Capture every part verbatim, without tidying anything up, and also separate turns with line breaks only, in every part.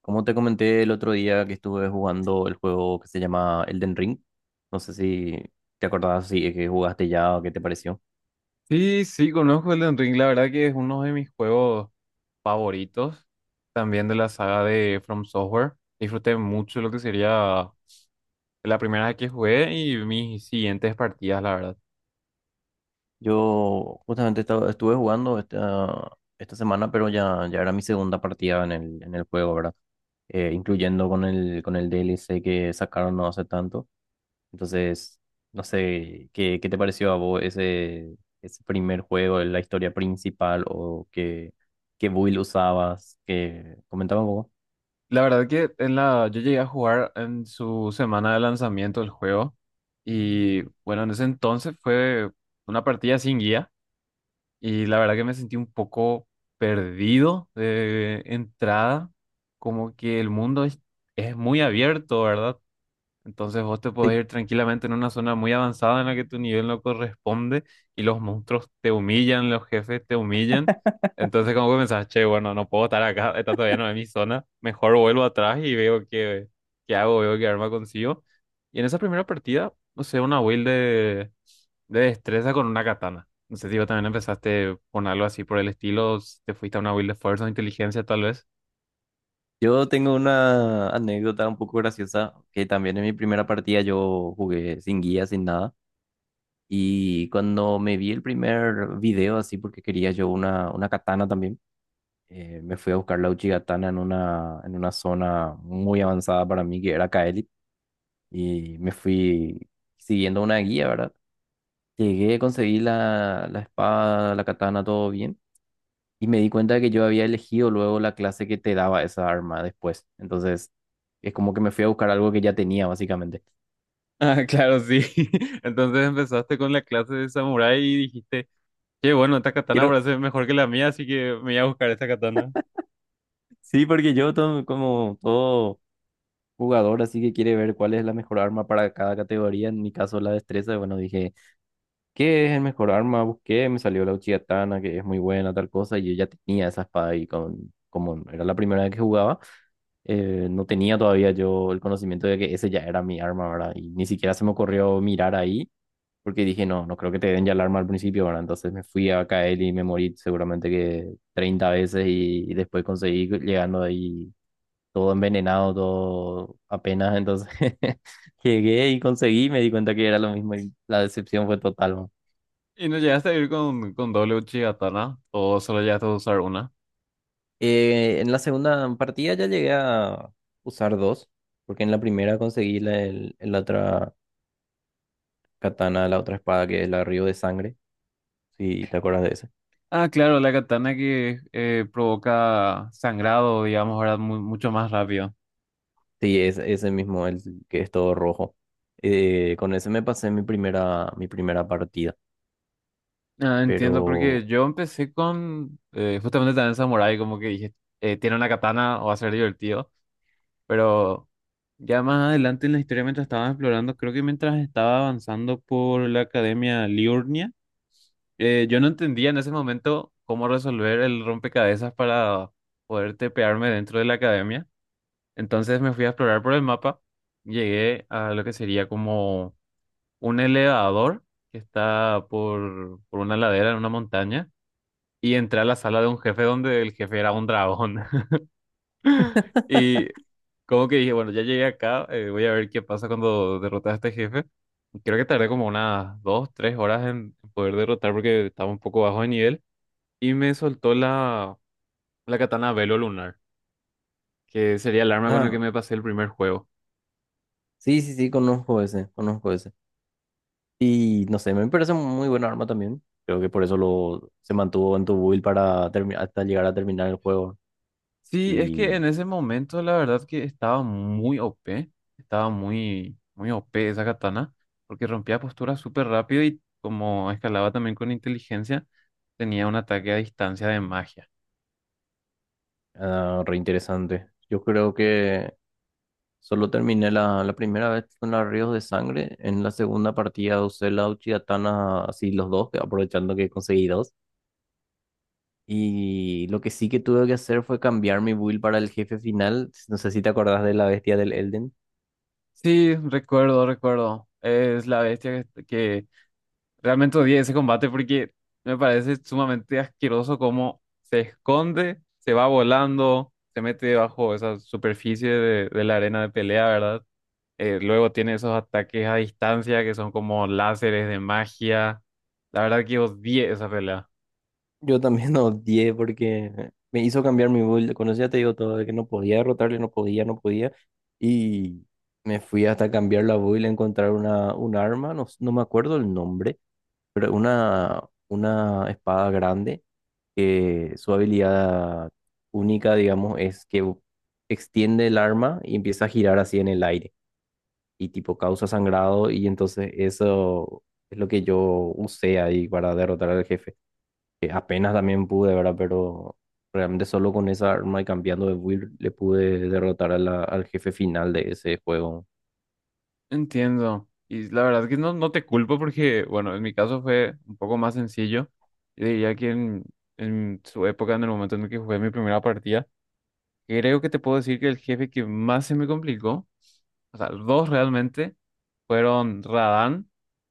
Como te comenté el otro día que estuve jugando el juego que se llama Elden Ring, no sé si te acordabas si es que jugaste ya o qué te pareció.
Sí, sí, conozco Elden Ring. La verdad que es uno de mis juegos favoritos, también de la saga de From Software. Disfruté mucho lo que sería la primera vez que jugué y mis siguientes partidas, la verdad.
Yo justamente estaba- estuve jugando esta, esta semana, pero ya, ya era mi segunda partida en el, en el juego, ¿verdad? Eh, incluyendo con el, con el D L C que sacaron no hace tanto. Entonces, no sé, ¿qué, qué te pareció a vos ese, ese primer juego, la historia principal o qué, qué build usabas? Que comentaba un poco.
La verdad que en la, yo llegué a jugar en su semana de lanzamiento del juego y bueno, en ese entonces fue una partida sin guía, y la verdad que me sentí un poco perdido de entrada, como que el mundo es es muy abierto, ¿verdad? Entonces vos te podés ir tranquilamente en una zona muy avanzada en la que tu nivel no corresponde y los monstruos te humillan, los jefes te humillan. Entonces como que pensás: che, bueno, no puedo estar acá, esta todavía no es mi zona, mejor vuelvo atrás y veo qué, qué hago, veo qué arma consigo. Y en esa primera partida, no sé, una build de, de destreza con una katana. No sé si vos también empezaste con algo así por el estilo, si te fuiste a una build de fuerza o inteligencia tal vez.
Yo tengo una anécdota un poco graciosa, que también en mi primera partida yo jugué sin guía, sin nada, y cuando me vi el primer video así, porque quería yo una, una katana también, eh, me fui a buscar la Uchi Katana en una, en una zona muy avanzada para mí, que era Kaelit, y me fui siguiendo una guía, ¿verdad? Llegué, conseguí la, la espada, la katana, todo bien. Y me di cuenta de que yo había elegido luego la clase que te daba esa arma después. Entonces, es como que me fui a buscar algo que ya tenía, básicamente.
Ah, claro, sí. ¿Entonces empezaste con la clase de samurái y dijiste... qué bueno, esta katana
Quiero,
parece mejor que la mía, así que me voy a buscar esta katana?
sí, porque yo to- como todo jugador, así que quiere ver cuál es la mejor arma para cada categoría. En mi caso, la destreza. Bueno, dije, ¿qué es el mejor arma? Busqué, me salió la Uchiha Tana, que es muy buena, tal cosa. Y yo ya tenía esa espada y con, como era la primera vez que jugaba, eh, no tenía todavía yo el conocimiento de que ese ya era mi arma, ¿verdad? Y ni siquiera se me ocurrió mirar ahí, porque dije, no, no creo que te den ya alarma al principio, ¿verdad? Entonces me fui a caer y me morí seguramente que treinta veces y, y después conseguí llegando ahí todo envenenado, todo apenas, entonces llegué y conseguí, me di cuenta que era lo mismo y la decepción fue total, ¿no?
¿Y no llegaste a ir con, con doble uchi katana? ¿O solo llegaste a usar una?
Eh, en la segunda partida ya llegué a usar dos, porque en la primera conseguí la, el- la otra katana, la otra espada que es la Río de Sangre, si te acuerdas de.
Ah, claro, la katana que eh, provoca sangrado, digamos, ahora mu- mucho más rápido.
Sí, es ese mismo, el que es todo rojo. Eh, con ese me pasé mi primera, mi primera partida.
Ah, entiendo, porque
Pero.
yo empecé con eh, justamente también Samurai, como que dije: eh, tiene una katana, o va a ser divertido. Pero ya más adelante en la historia, mientras estaba explorando, creo que mientras estaba avanzando por la academia Liurnia, Eh, yo no entendía en ese momento cómo resolver el rompecabezas para poder tepearme dentro de la academia. Entonces me fui a explorar por el mapa. Llegué a lo que sería como un elevador que está por, por una ladera en una montaña. Y entré a la sala de un jefe donde el jefe era un dragón. Y como que dije: bueno, ya llegué acá, eh, voy a ver qué pasa cuando derrotas a este jefe. Creo que tardé como unas dos, tres horas en poder derrotar porque estaba un poco bajo de nivel. Y me soltó la, la katana Velo Lunar, que sería el arma con el que
Ah,
me pasé el primer juego.
sí, sí, sí, conozco ese, conozco ese. Y no sé, me parece un muy buen arma también. Creo que por eso lo, se mantuvo en tu build para termi- hasta llegar a terminar el juego.
Sí, es que
Y,
en ese momento la verdad que estaba muy O P, estaba muy, muy O P esa katana, porque rompía posturas súper rápido y como escalaba también con inteligencia, tenía un ataque a distancia de magia.
ah, re interesante. Yo creo que solo terminé la, la primera vez con la Ríos de Sangre. En la segunda partida usé la Uchigatana así los dos, aprovechando que conseguí dos. Y lo que sí que tuve que hacer fue cambiar mi build para el jefe final. No sé si te acordás de la bestia del Elden.
Sí, recuerdo, recuerdo. Es la bestia que, que realmente odié ese combate porque me parece sumamente asqueroso cómo se esconde, se va volando, se mete debajo de esa superficie de, de la arena de pelea, ¿verdad? Eh, luego tiene esos ataques a distancia que son como láseres de magia. La verdad que odié esa pelea.
Yo también odié porque me hizo cambiar mi build, cuando ya te digo todo, de que no podía derrotarle, no podía, no podía. Y me fui hasta cambiar la build, encontrar una, un arma, no, s- no me acuerdo el nombre, pero una, una espada grande que su habilidad única, digamos, es que extiende el arma y empieza a girar así en el aire, y tipo causa sangrado y entonces eso es lo que yo usé ahí para derrotar al jefe. Que apenas también pude, ¿verdad? Pero realmente solo con esa arma y cambiando de build le pude derrotar a la- al jefe final de ese juego.
Entiendo. Y la verdad que no, no te culpo porque, bueno, en mi caso fue un poco más sencillo. Yo diría que en, en su época, en el momento en el que jugué mi primera partida, creo que te puedo decir que el jefe que más se me complicó, o sea, dos realmente, fueron Radan,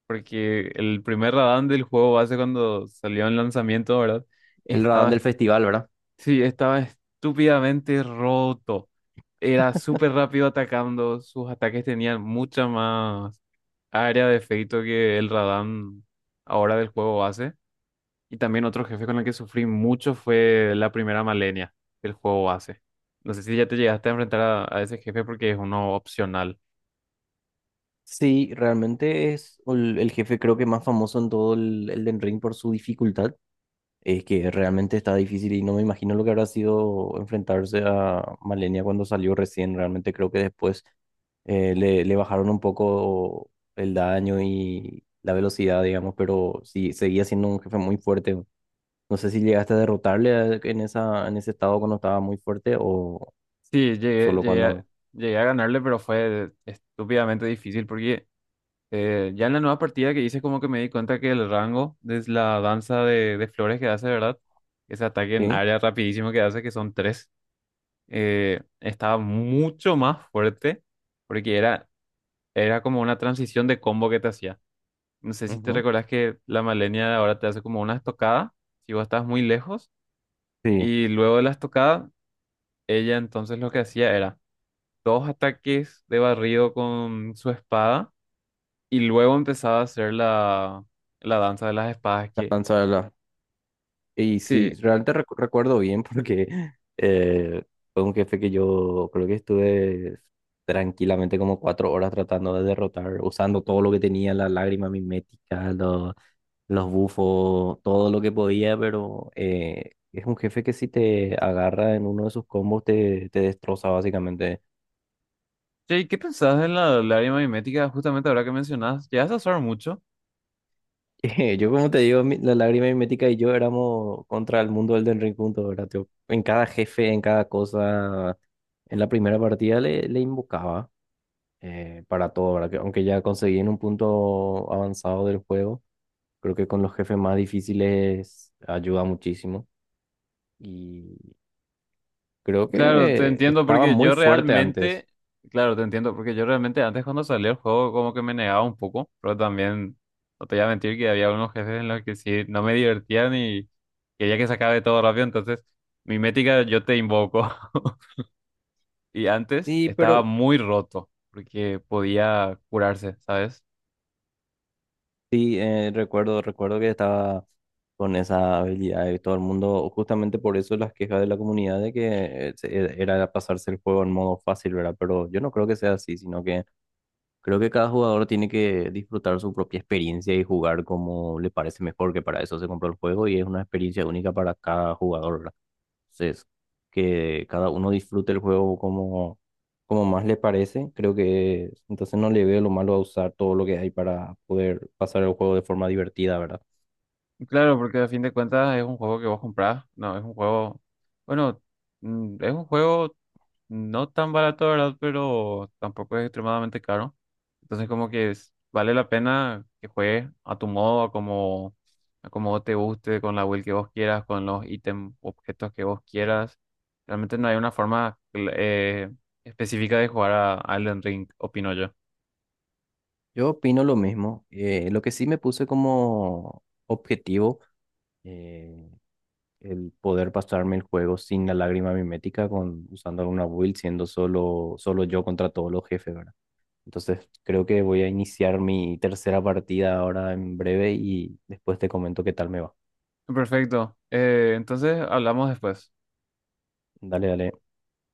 porque el primer Radan del juego base cuando salió en lanzamiento, ¿verdad?
El Radán del
Estaba,
festival, ¿verdad?
sí, estaba estúpidamente roto. Era súper rápido atacando, sus ataques tenían mucha más área de efecto que el Radan ahora del juego base. Y también otro jefe con el que sufrí mucho fue la primera Malenia del juego base. No sé si ya te llegaste a enfrentar a, a ese jefe porque es uno opcional.
Sí, realmente es el, el jefe creo que más famoso en todo el, el Elden Ring por su dificultad. Es que realmente está difícil y no me imagino lo que habrá sido enfrentarse a Malenia cuando salió recién. Realmente creo que después eh, le, le bajaron un poco el daño y la velocidad, digamos, pero sí, seguía siendo un jefe muy fuerte. No sé si llegaste a derrotarle a- en esa, en ese estado cuando estaba muy fuerte o
Sí, llegué,
solo
llegué a,
cuando.
llegué a ganarle, pero fue estúpidamente difícil porque eh, ya en la nueva partida que hice como que me di cuenta que el rango de la danza de, de flores que hace, ¿verdad? Ese ataque en
Sí,
área rapidísimo que hace, que son tres, eh, estaba mucho más fuerte porque era, era como una transición de combo que te hacía. No sé si te
ujú.
recordás que la Malenia de ahora te hace como una estocada, si vos estás muy lejos,
Sí,
y luego de la estocada, ella entonces lo que hacía era dos ataques de barrido con su espada, y luego empezaba a hacer la, la danza de las espadas
la
que...
lanza de la-. Y sí,
Sí.
realmente recu- recuerdo bien porque eh, fue un jefe que yo creo que estuve tranquilamente como cuatro horas tratando de derrotar, usando todo lo que tenía, la lágrima mimética, los, los bufos, todo lo que podía, pero eh, es un jefe que si te agarra en uno de sus combos te, te destroza básicamente.
Che, ¿y qué pensás de la lágrima mimética? Justamente ahora que mencionás, ¿llegas a usar mucho?
Yo, como te digo, mi- la lágrima mimética y yo éramos contra el mundo del Elden Ring juntos, ¿verdad, tío? En cada jefe, en cada cosa, en la primera partida le, le invocaba eh, para todo, ¿verdad? Que aunque ya conseguí en un punto avanzado del juego, creo que con los jefes más difíciles ayuda muchísimo. Y creo
Claro, te
que
entiendo
estaba
porque
muy
yo
fuerte antes.
realmente, claro, te entiendo porque yo realmente antes cuando salió el juego como que me negaba un poco, pero también no te voy a mentir que había unos jefes en los que sí no me divertían y quería que se acabe todo rápido, entonces mi métrica yo te invoco. Y antes
Sí,
estaba
pero
muy roto porque podía curarse, ¿sabes?
sí, eh, recuerdo, recuerdo que estaba con esa habilidad y todo el mundo, justamente por eso las quejas de la comunidad de que eh, se- eh, era pasarse el juego en modo fácil, ¿verdad? Pero yo no creo que sea así, sino que creo que cada jugador tiene que disfrutar su propia experiencia y jugar como le parece mejor, que para eso se compró el juego y es una experiencia única para cada jugador, ¿verdad? Entonces, que cada uno disfrute el juego como, como más le parece. Creo que entonces no le veo lo malo a usar todo lo que hay para poder pasar el juego de forma divertida, ¿verdad?
Claro, porque a fin de cuentas es un juego que vos comprás. No, es un juego. Bueno, mm, es un juego no tan barato, ¿verdad? Pero tampoco es extremadamente caro. Entonces, como que es- vale la pena que juegues a tu modo, a como, a como te guste, con la build que vos quieras, con los ítems, objetos que vos quieras. Realmente no hay una forma cl- eh, específica de jugar a a Elden Ring, opino yo.
Yo opino lo mismo. Eh, lo que sí me puse como objetivo, eh, el poder pasarme el juego sin la lágrima mimética, con, usando alguna build, siendo solo, solo yo contra todos los jefes, ¿verdad? Entonces, creo que voy a iniciar mi tercera partida ahora en breve y después te comento qué tal me va.
Perfecto. Eh, entonces, hablamos después.
Dale, dale.